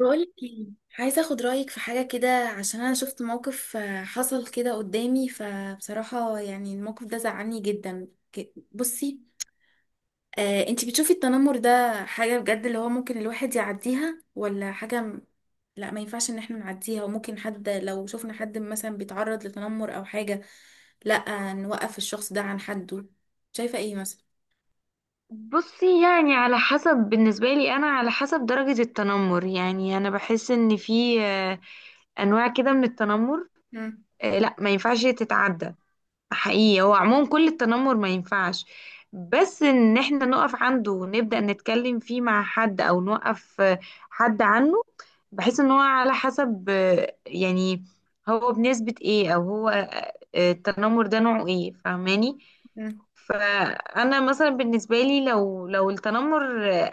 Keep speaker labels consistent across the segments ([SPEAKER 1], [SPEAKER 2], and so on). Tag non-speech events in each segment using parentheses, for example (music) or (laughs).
[SPEAKER 1] بقولك ايه. عايزه اخد رايك في حاجه كده عشان انا شفت موقف، حصل كده قدامي، فبصراحه يعني الموقف ده زعلني جدا. بصي، انتي بتشوفي التنمر ده حاجه بجد اللي هو ممكن الواحد يعديها ولا حاجه؟ لا، ما ينفعش ان احنا نعديها، وممكن حد لو شفنا حد مثلا بيتعرض لتنمر او حاجه، لا نوقف الشخص ده عن حده. شايفه ايه مثلا؟
[SPEAKER 2] بصي، يعني على حسب. بالنسبة لي أنا على حسب درجة التنمر. يعني أنا بحس إن في أنواع كده من التنمر.
[SPEAKER 1] مم.
[SPEAKER 2] لا ما ينفعش تتعدى. حقيقي هو عموما كل التنمر ما ينفعش، بس إن إحنا نقف عنده ونبدأ نتكلم فيه مع حد أو نوقف حد عنه. بحس إن هو على حسب، يعني هو بنسبة إيه، أو هو التنمر ده نوعه إيه، فاهماني؟
[SPEAKER 1] مم.
[SPEAKER 2] فانا مثلا بالنسبه لي لو التنمر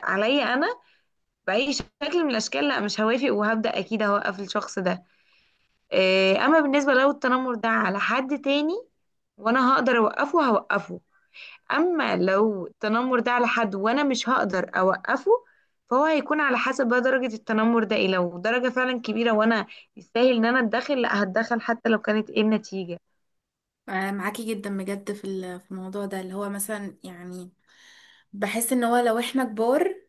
[SPEAKER 2] عليا انا باي شكل من الاشكال، لا مش هوافق، وهبدا اكيد هوقف الشخص ده. إيه، اما بالنسبه لو التنمر ده على حد تاني وانا هقدر اوقفه، هوقفه. اما لو التنمر ده على حد وانا مش هقدر اوقفه، فهو هيكون على حسب بقى درجه التنمر ده ايه. لو درجه فعلا كبيره وانا يستاهل ان انا اتدخل، لا، هتدخل حتى لو كانت ايه النتيجه.
[SPEAKER 1] معاكي جدا بجد في الموضوع ده اللي هو مثلا يعني، بحس ان هو لو احنا كبار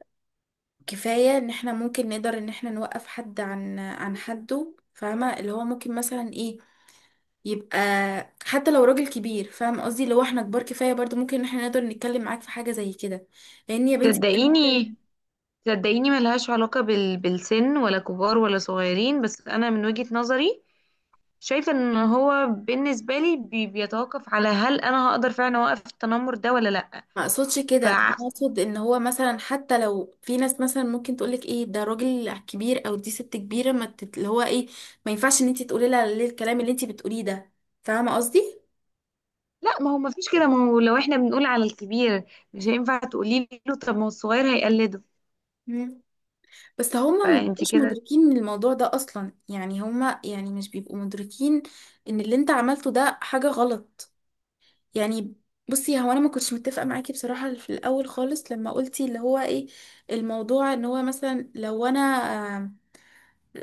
[SPEAKER 1] كفاية ان احنا ممكن نقدر ان احنا نوقف حد عن حده، فاهمة؟ اللي هو ممكن مثلا ايه، يبقى حتى لو راجل كبير، فاهم قصدي؟ لو احنا كبار كفاية برضو ممكن ان احنا نقدر نتكلم معاك في حاجة زي كده، لان يا بنتي
[SPEAKER 2] تصدقيني،
[SPEAKER 1] بجد
[SPEAKER 2] صدقيني، ملهاش علاقة بالسن، ولا كبار ولا صغيرين. بس أنا من وجهة نظري شايفة إن هو بالنسبة لي بيتوقف على هل أنا هقدر فعلا أوقف التنمر ده ولا لأ.
[SPEAKER 1] ما اقصدش كده.
[SPEAKER 2] ف
[SPEAKER 1] انا اقصد ان هو مثلا حتى لو في ناس مثلا ممكن تقولك ايه ده راجل كبير او دي ست كبيرة، ما تت... اللي هو ايه، ما ينفعش ان انت تقولي لها ليه الكلام اللي انت بتقوليه ده، فاهمة قصدي؟
[SPEAKER 2] لا، ما هو ما فيش كده. ما هو لو احنا بنقول على الكبير، مش هينفع تقولي له طب، ما هو الصغير هيقلده.
[SPEAKER 1] مم. بس هما ما
[SPEAKER 2] فأنت
[SPEAKER 1] بيبقوش
[SPEAKER 2] كده،
[SPEAKER 1] مدركين من الموضوع ده اصلا، يعني هما يعني مش بيبقوا مدركين ان اللي انت عملته ده حاجة غلط يعني. بصي، هو انا ما كنتش متفقة معاكي بصراحة في الاول خالص لما قلتي اللي هو ايه الموضوع، ان هو مثلا لو انا آه،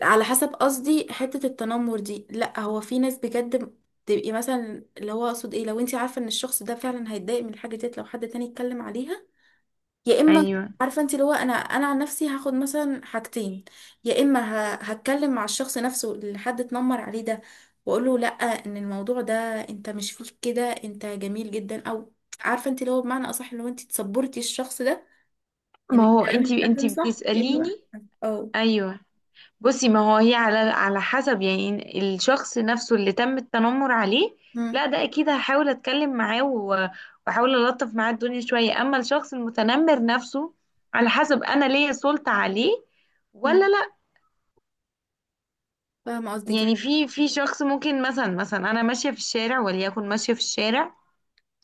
[SPEAKER 1] على حسب قصدي حتة التنمر دي، لا هو في ناس بجد تبقي مثلا اللي هو اقصد ايه، لو انت عارفة ان الشخص ده فعلا هيتضايق من الحاجة ديت لو حد تاني اتكلم عليها، يا اما
[SPEAKER 2] أيوه.
[SPEAKER 1] عارفه انت اللي هو انا عن نفسي هاخد مثلا حاجتين. يا اما هتكلم مع الشخص نفسه اللي حد اتنمر عليه ده واقول له لا، ان الموضوع ده، انت مش فيك كده، انت جميل جدا، او عارفه انت اللي هو بمعنى اصح اللي هو انت تصبرتي الشخص ده ان
[SPEAKER 2] ما هو
[SPEAKER 1] الكلام
[SPEAKER 2] أنت
[SPEAKER 1] اللي
[SPEAKER 2] أنت
[SPEAKER 1] اتقدم صح، يا اما
[SPEAKER 2] بتسأليني.
[SPEAKER 1] بقى اه.
[SPEAKER 2] أيوه، بصي ما هو هي على حسب يعني الشخص نفسه اللي تم التنمر عليه،
[SPEAKER 1] مم.
[SPEAKER 2] لا ده اكيد هحاول اتكلم معاه واحاول الطف معاه الدنيا شوية. اما الشخص المتنمر نفسه، على حسب انا ليا سلطة عليه ولا
[SPEAKER 1] مم.
[SPEAKER 2] لا.
[SPEAKER 1] فاهمه قصدك
[SPEAKER 2] يعني
[SPEAKER 1] يعني.
[SPEAKER 2] في شخص، ممكن مثلا انا ماشية في الشارع، وليكن ماشية في الشارع،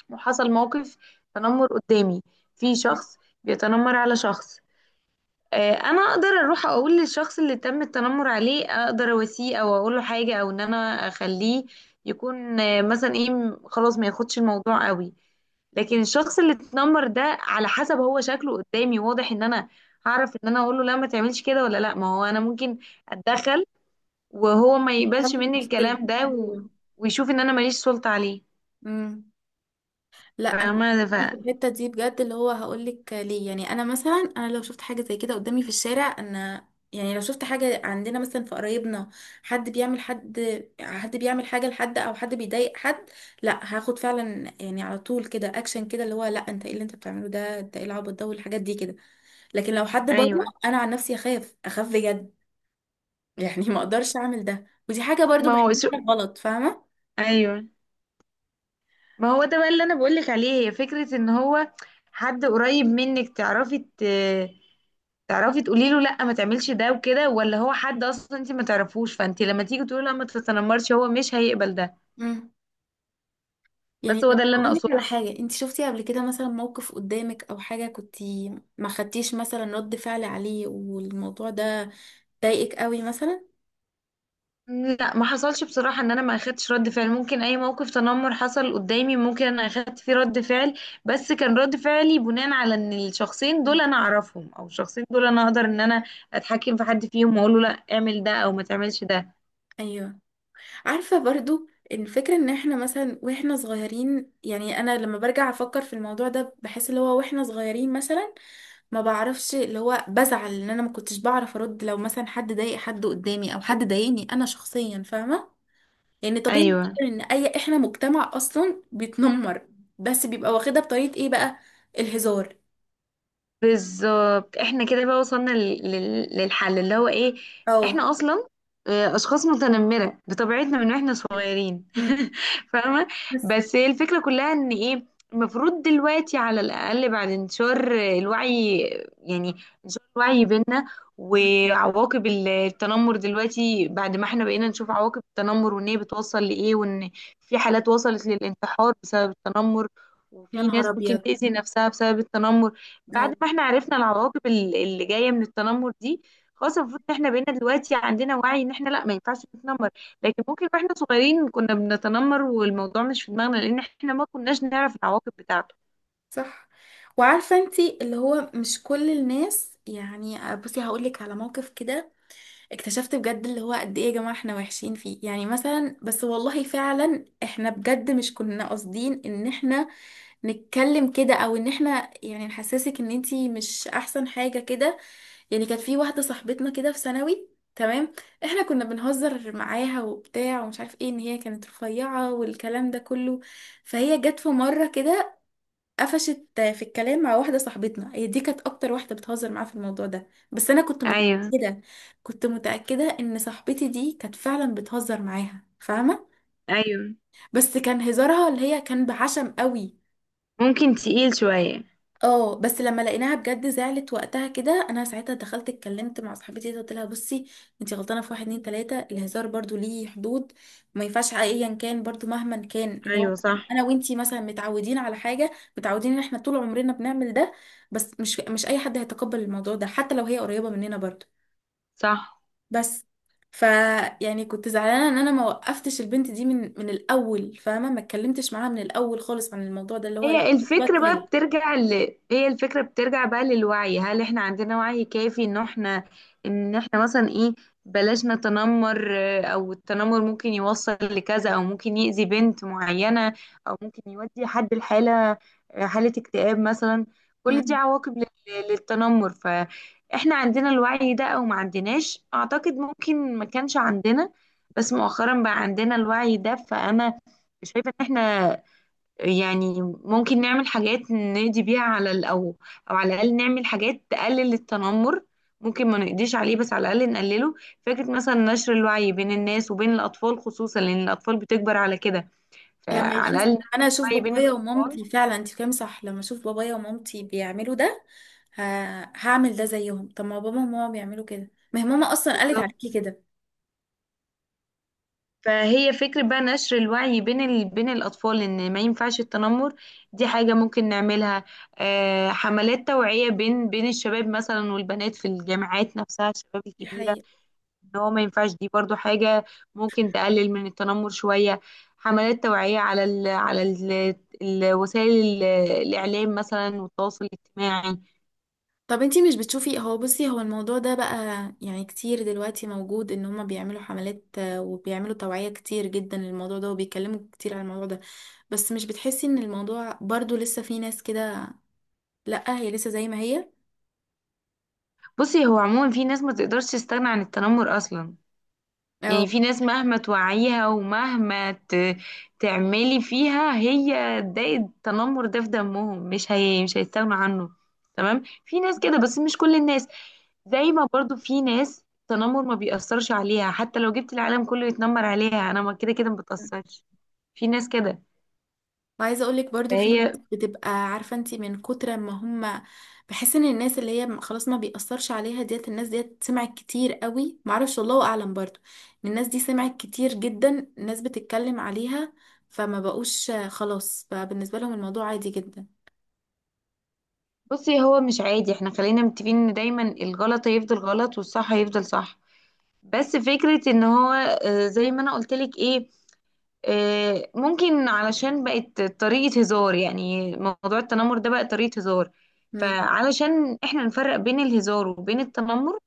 [SPEAKER 2] وحصل موقف تنمر قدامي، في
[SPEAKER 1] مم.
[SPEAKER 2] شخص بيتنمر على شخص. انا اقدر اروح اقول للشخص اللي تم التنمر عليه، اقدر اواسيه او اقول له حاجه، او ان انا اخليه يكون مثلا ايه، خلاص ما ياخدش الموضوع قوي. لكن الشخص اللي اتنمر ده على حسب هو شكله قدامي، واضح ان انا هعرف ان انا اقول له لا، ما تعملش كده، ولا لا. ما هو انا ممكن اتدخل وهو ما يقبلش
[SPEAKER 1] وصلت
[SPEAKER 2] مني
[SPEAKER 1] مشكله.
[SPEAKER 2] الكلام ده
[SPEAKER 1] أيوة.
[SPEAKER 2] ويشوف ان انا ماليش سلطه عليه،
[SPEAKER 1] مم. لا، انا
[SPEAKER 2] فاهمه؟
[SPEAKER 1] في الحته دي بجد اللي هو هقول لك ليه. يعني انا مثلا انا لو شفت حاجه زي كده قدامي في الشارع، انا يعني لو شفت حاجه عندنا مثلا في قرايبنا، حد بيعمل حد، حد بيعمل حاجه لحد او حد بيضايق حد، لا هاخد فعلا يعني على طول كده اكشن كده اللي هو لا، انت ايه اللي انت بتعمله ده، انت ايه العبط ده والحاجات دي كده. لكن لو حد بره،
[SPEAKER 2] ايوه.
[SPEAKER 1] انا عن نفسي اخاف، اخاف بجد. (laughs) يعني ما اقدرش اعمل ده، ودي حاجه برضو
[SPEAKER 2] ما هو
[SPEAKER 1] بحسها غلط، فاهمه؟
[SPEAKER 2] ايوه، ما هو ده بقى اللي انا بقولك عليه. هي فكرة ان هو حد قريب منك تعرفي تعرفي تقولي له لا، ما تعملش ده وكده. ولا هو حد اصلا انت ما تعرفوش، فانت لما تيجي تقولي له لا ما تتنمرش، هو مش هيقبل ده.
[SPEAKER 1] امم. يعني
[SPEAKER 2] بس هو
[SPEAKER 1] طب
[SPEAKER 2] ده اللي انا
[SPEAKER 1] اقول لك
[SPEAKER 2] اقصده.
[SPEAKER 1] على حاجه، انت شفتي قبل كده مثلا موقف قدامك او حاجه كنتي ما خدتيش مثلا رد فعل عليه والموضوع ده ضايقك قوي مثلا؟
[SPEAKER 2] لا، ما حصلش بصراحة ان انا ما اخدتش رد فعل. ممكن اي موقف تنمر حصل قدامي ممكن انا اخدت فيه رد فعل، بس كان رد فعلي بناء على ان الشخصين دول انا اعرفهم، او الشخصين دول انا اقدر ان انا اتحكم في حد فيهم، واقول له لا اعمل ده، او ما تعملش ده.
[SPEAKER 1] ايوه. عارفه برضو الفكره ان احنا مثلا واحنا صغيرين، يعني انا لما برجع افكر في الموضوع ده بحس اللي هو واحنا صغيرين مثلا ما بعرفش اللي هو بزعل ان انا ما كنتش بعرف ارد لو مثلا حد ضايق حد قدامي او حد ضايقني انا شخصيا، فاهمه؟ يعني طبيعي
[SPEAKER 2] ايوه،
[SPEAKER 1] جداً ان اي احنا مجتمع اصلا بيتنمر، بس بيبقى واخدها بطريقة ايه بقى؟ الهزار
[SPEAKER 2] بالظبط. احنا كده بقى وصلنا للحل اللي هو ايه.
[SPEAKER 1] او
[SPEAKER 2] احنا اصلا اشخاص متنمره بطبيعتنا من واحنا صغيرين
[SPEAKER 1] مم.
[SPEAKER 2] (laughs) فاهمه؟
[SPEAKER 1] بس
[SPEAKER 2] بس هي الفكره كلها ان ايه، المفروض دلوقتي على الاقل بعد انتشار الوعي، يعني انتشار الوعي بينا وعواقب التنمر. دلوقتي بعد ما احنا بقينا نشوف عواقب التنمر وان هي بتوصل لايه، وان في حالات وصلت للانتحار بسبب التنمر،
[SPEAKER 1] يا
[SPEAKER 2] وفي
[SPEAKER 1] نهار
[SPEAKER 2] ناس ممكن
[SPEAKER 1] ابيض.
[SPEAKER 2] تأذي نفسها بسبب التنمر،
[SPEAKER 1] او
[SPEAKER 2] بعد ما احنا عرفنا العواقب اللي جايه من التنمر دي، خلاص المفروض ان احنا بقينا دلوقتي عندنا وعي ان احنا لا ما ينفعش نتنمر. لكن ممكن واحنا صغيرين كنا بنتنمر والموضوع مش في دماغنا، لان احنا ما كناش نعرف العواقب بتاعته.
[SPEAKER 1] صح. وعارفة انتي اللي هو مش كل الناس، يعني بصي هقولك على موقف كده، اكتشفت بجد اللي هو قد ايه يا جماعة احنا وحشين فيه. يعني مثلا بس والله فعلا احنا بجد مش كنا قاصدين ان احنا نتكلم كده او ان احنا يعني نحسسك ان انتي مش احسن حاجة كده. يعني كانت في واحدة صاحبتنا كده في ثانوي، تمام، احنا كنا بنهزر معاها وبتاع ومش عارف ايه ان هي كانت رفيعة والكلام ده كله. فهي جت في مرة كده قفشت في الكلام مع واحدة صاحبتنا، هي دي كانت أكتر واحدة بتهزر معاه في الموضوع ده، بس أنا كنت
[SPEAKER 2] ايوه،
[SPEAKER 1] متأكدة، كنت متأكدة إن صاحبتي دي كانت فعلا بتهزر معاها، فاهمة؟
[SPEAKER 2] ايوه،
[SPEAKER 1] بس كان هزارها اللي هي كان بعشم قوي.
[SPEAKER 2] ممكن تقيل شويه.
[SPEAKER 1] اه، بس لما لقيناها بجد زعلت وقتها كده، انا ساعتها دخلت اتكلمت مع صاحبتي دي، قلت لها بصي انتي غلطانه في واحد اتنين تلاته، الهزار برضو ليه حدود، وما ينفعش ايا كان برضو مهما كان ان هو
[SPEAKER 2] ايوه،
[SPEAKER 1] مثلاً
[SPEAKER 2] صح،
[SPEAKER 1] انا وانتي مثلا متعودين على حاجه، متعودين ان احنا طول عمرنا بنعمل ده، بس مش اي حد هيتقبل الموضوع ده حتى لو هي قريبه مننا برضو.
[SPEAKER 2] صح.
[SPEAKER 1] بس ف يعني كنت زعلانه ان انا ما وقفتش البنت دي من الاول، فاهمه؟ ما اتكلمتش معاها من الاول خالص عن الموضوع ده اللي هو لا
[SPEAKER 2] هي
[SPEAKER 1] بقى
[SPEAKER 2] الفكرة بقى
[SPEAKER 1] كفايه.
[SPEAKER 2] بترجع ل... هي الفكرة بترجع بقى للوعي. هل احنا عندنا وعي كافي ان احنا، مثلا ايه، بلاش نتنمر؟ او التنمر ممكن يوصل لكذا، او ممكن يأذي بنت معينة، او ممكن يودي حد لحالة، حالة اكتئاب مثلا. كل دي عواقب للتنمر. فاحنا عندنا الوعي ده او ما عندناش؟ اعتقد ممكن ما كانش عندنا، بس مؤخرا بقى عندنا الوعي ده. فانا شايفة ان احنا يعني ممكن نعمل حاجات نقضي بيها على او على الاقل نعمل حاجات تقلل التنمر. ممكن ما نقضيش عليه، بس على الاقل نقلله. فكره مثلا نشر الوعي بين الناس وبين الاطفال خصوصا، لان الاطفال بتكبر على كده.
[SPEAKER 1] لما
[SPEAKER 2] فعلى
[SPEAKER 1] يشوف،
[SPEAKER 2] الاقل نشر
[SPEAKER 1] لما انا اشوف
[SPEAKER 2] الوعي بين
[SPEAKER 1] بابايا
[SPEAKER 2] الاطفال.
[SPEAKER 1] ومامتي فعلا، انت فاهم صح؟ لما اشوف بابايا ومامتي بيعملوا ده، ه... هعمل ده زيهم. طب ما بابا وماما بيعملوا كده، ما هي ماما اصلا قالت
[SPEAKER 2] بالظبط.
[SPEAKER 1] عليكي كده.
[SPEAKER 2] فهي فكرة بقى نشر الوعي بين الأطفال إن ما ينفعش التنمر، دي حاجة ممكن نعملها. حملات توعية بين الشباب مثلا والبنات في الجامعات نفسها، الشباب
[SPEAKER 1] دي
[SPEAKER 2] الكبيرة،
[SPEAKER 1] حقيقة.
[SPEAKER 2] ان هو ما ينفعش، دي برضو حاجة ممكن تقلل من التنمر شوية. حملات توعية على ال على ال الوسائل الإعلام مثلا والتواصل الاجتماعي.
[SPEAKER 1] طب انتي مش بتشوفي، هو بصي هو الموضوع ده بقى يعني كتير دلوقتي موجود ان هما بيعملوا حملات، وبيعملوا توعية كتير جدا للموضوع ده وبيتكلموا كتير عن الموضوع ده، بس مش بتحسي ان الموضوع برضو لسه في ناس كده؟ لا، هي لسه زي ما هي.
[SPEAKER 2] بصي هو عموما في ناس ما تقدرش تستغنى عن التنمر أصلا. يعني
[SPEAKER 1] اه.
[SPEAKER 2] في ناس مهما توعيها، ومهما تعملي فيها هي، ده التنمر ده في دمهم، مش هيستغنوا عنه. تمام، في ناس كده بس مش كل الناس. زي ما برضو في ناس التنمر ما بيأثرش عليها، حتى لو جبت العالم كله يتنمر عليها انا ما كده كده ما بتأثرش، في ناس كده.
[SPEAKER 1] وعايزه اقول لك برضو في ناس
[SPEAKER 2] فهي
[SPEAKER 1] بتبقى عارفه انت من كتر ما هم، بحس ان الناس اللي هي خلاص ما بيأثرش عليها ديت، الناس ديت سمعت كتير قوي، معرفش والله اعلم برضو، إن الناس دي سمعت كتير جدا الناس بتتكلم عليها فما بقوش، خلاص بقى بالنسبه لهم الموضوع عادي جدا.
[SPEAKER 2] بصي هو مش عادي. احنا خلينا متفقين ان دايما الغلط هيفضل غلط والصح هيفضل صح. بس فكرة ان هو زي ما انا قلت لك ايه، ممكن علشان بقت طريقة هزار، يعني موضوع التنمر ده بقى طريقة هزار.
[SPEAKER 1] امم.
[SPEAKER 2] فعلشان احنا نفرق بين الهزار وبين التنمر،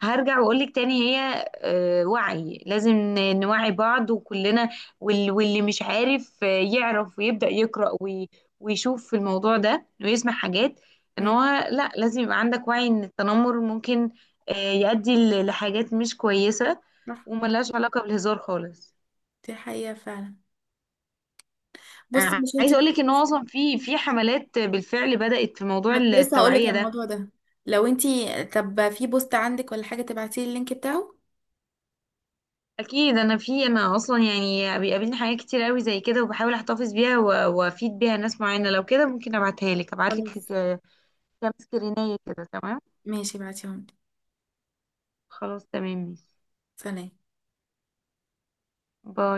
[SPEAKER 2] هرجع واقولك تاني. هي وعي، لازم نوعي بعض وكلنا. واللي مش عارف يعرف ويبدأ يقرأ ويشوف في الموضوع ده ويسمع حاجات، ان
[SPEAKER 1] امم.
[SPEAKER 2] هو لا، لازم يبقى عندك وعي ان التنمر ممكن يؤدي لحاجات مش كويسة،
[SPEAKER 1] صح.
[SPEAKER 2] وملهاش علاقة بالهزار خالص.
[SPEAKER 1] دي حقيقه فعلا. بصي مش انت
[SPEAKER 2] عايزه اقول
[SPEAKER 1] كنت
[SPEAKER 2] لك ان هو
[SPEAKER 1] لسه-
[SPEAKER 2] اصلا في حملات بالفعل بدات في موضوع
[SPEAKER 1] أنا كنت لسه هقول لك على
[SPEAKER 2] التوعيه ده.
[SPEAKER 1] الموضوع ده. لو انت، طب في بوست عندك ولا حاجه تبعتي لي اللينك بتاعه.
[SPEAKER 2] اكيد، انا في انا اصلا يعني بيقابلني حاجات كتير قوي زي كده، وبحاول احتفظ بيها وافيد بيها ناس معينه. لو كده ممكن ابعتها لك، ابعت لك
[SPEAKER 1] خلاص
[SPEAKER 2] كام سكرينيه كده، تمام؟
[SPEAKER 1] ماشي، ابعتيهم لي.
[SPEAKER 2] خلاص، تمام، ماشي.
[SPEAKER 1] سلام.
[SPEAKER 2] باي.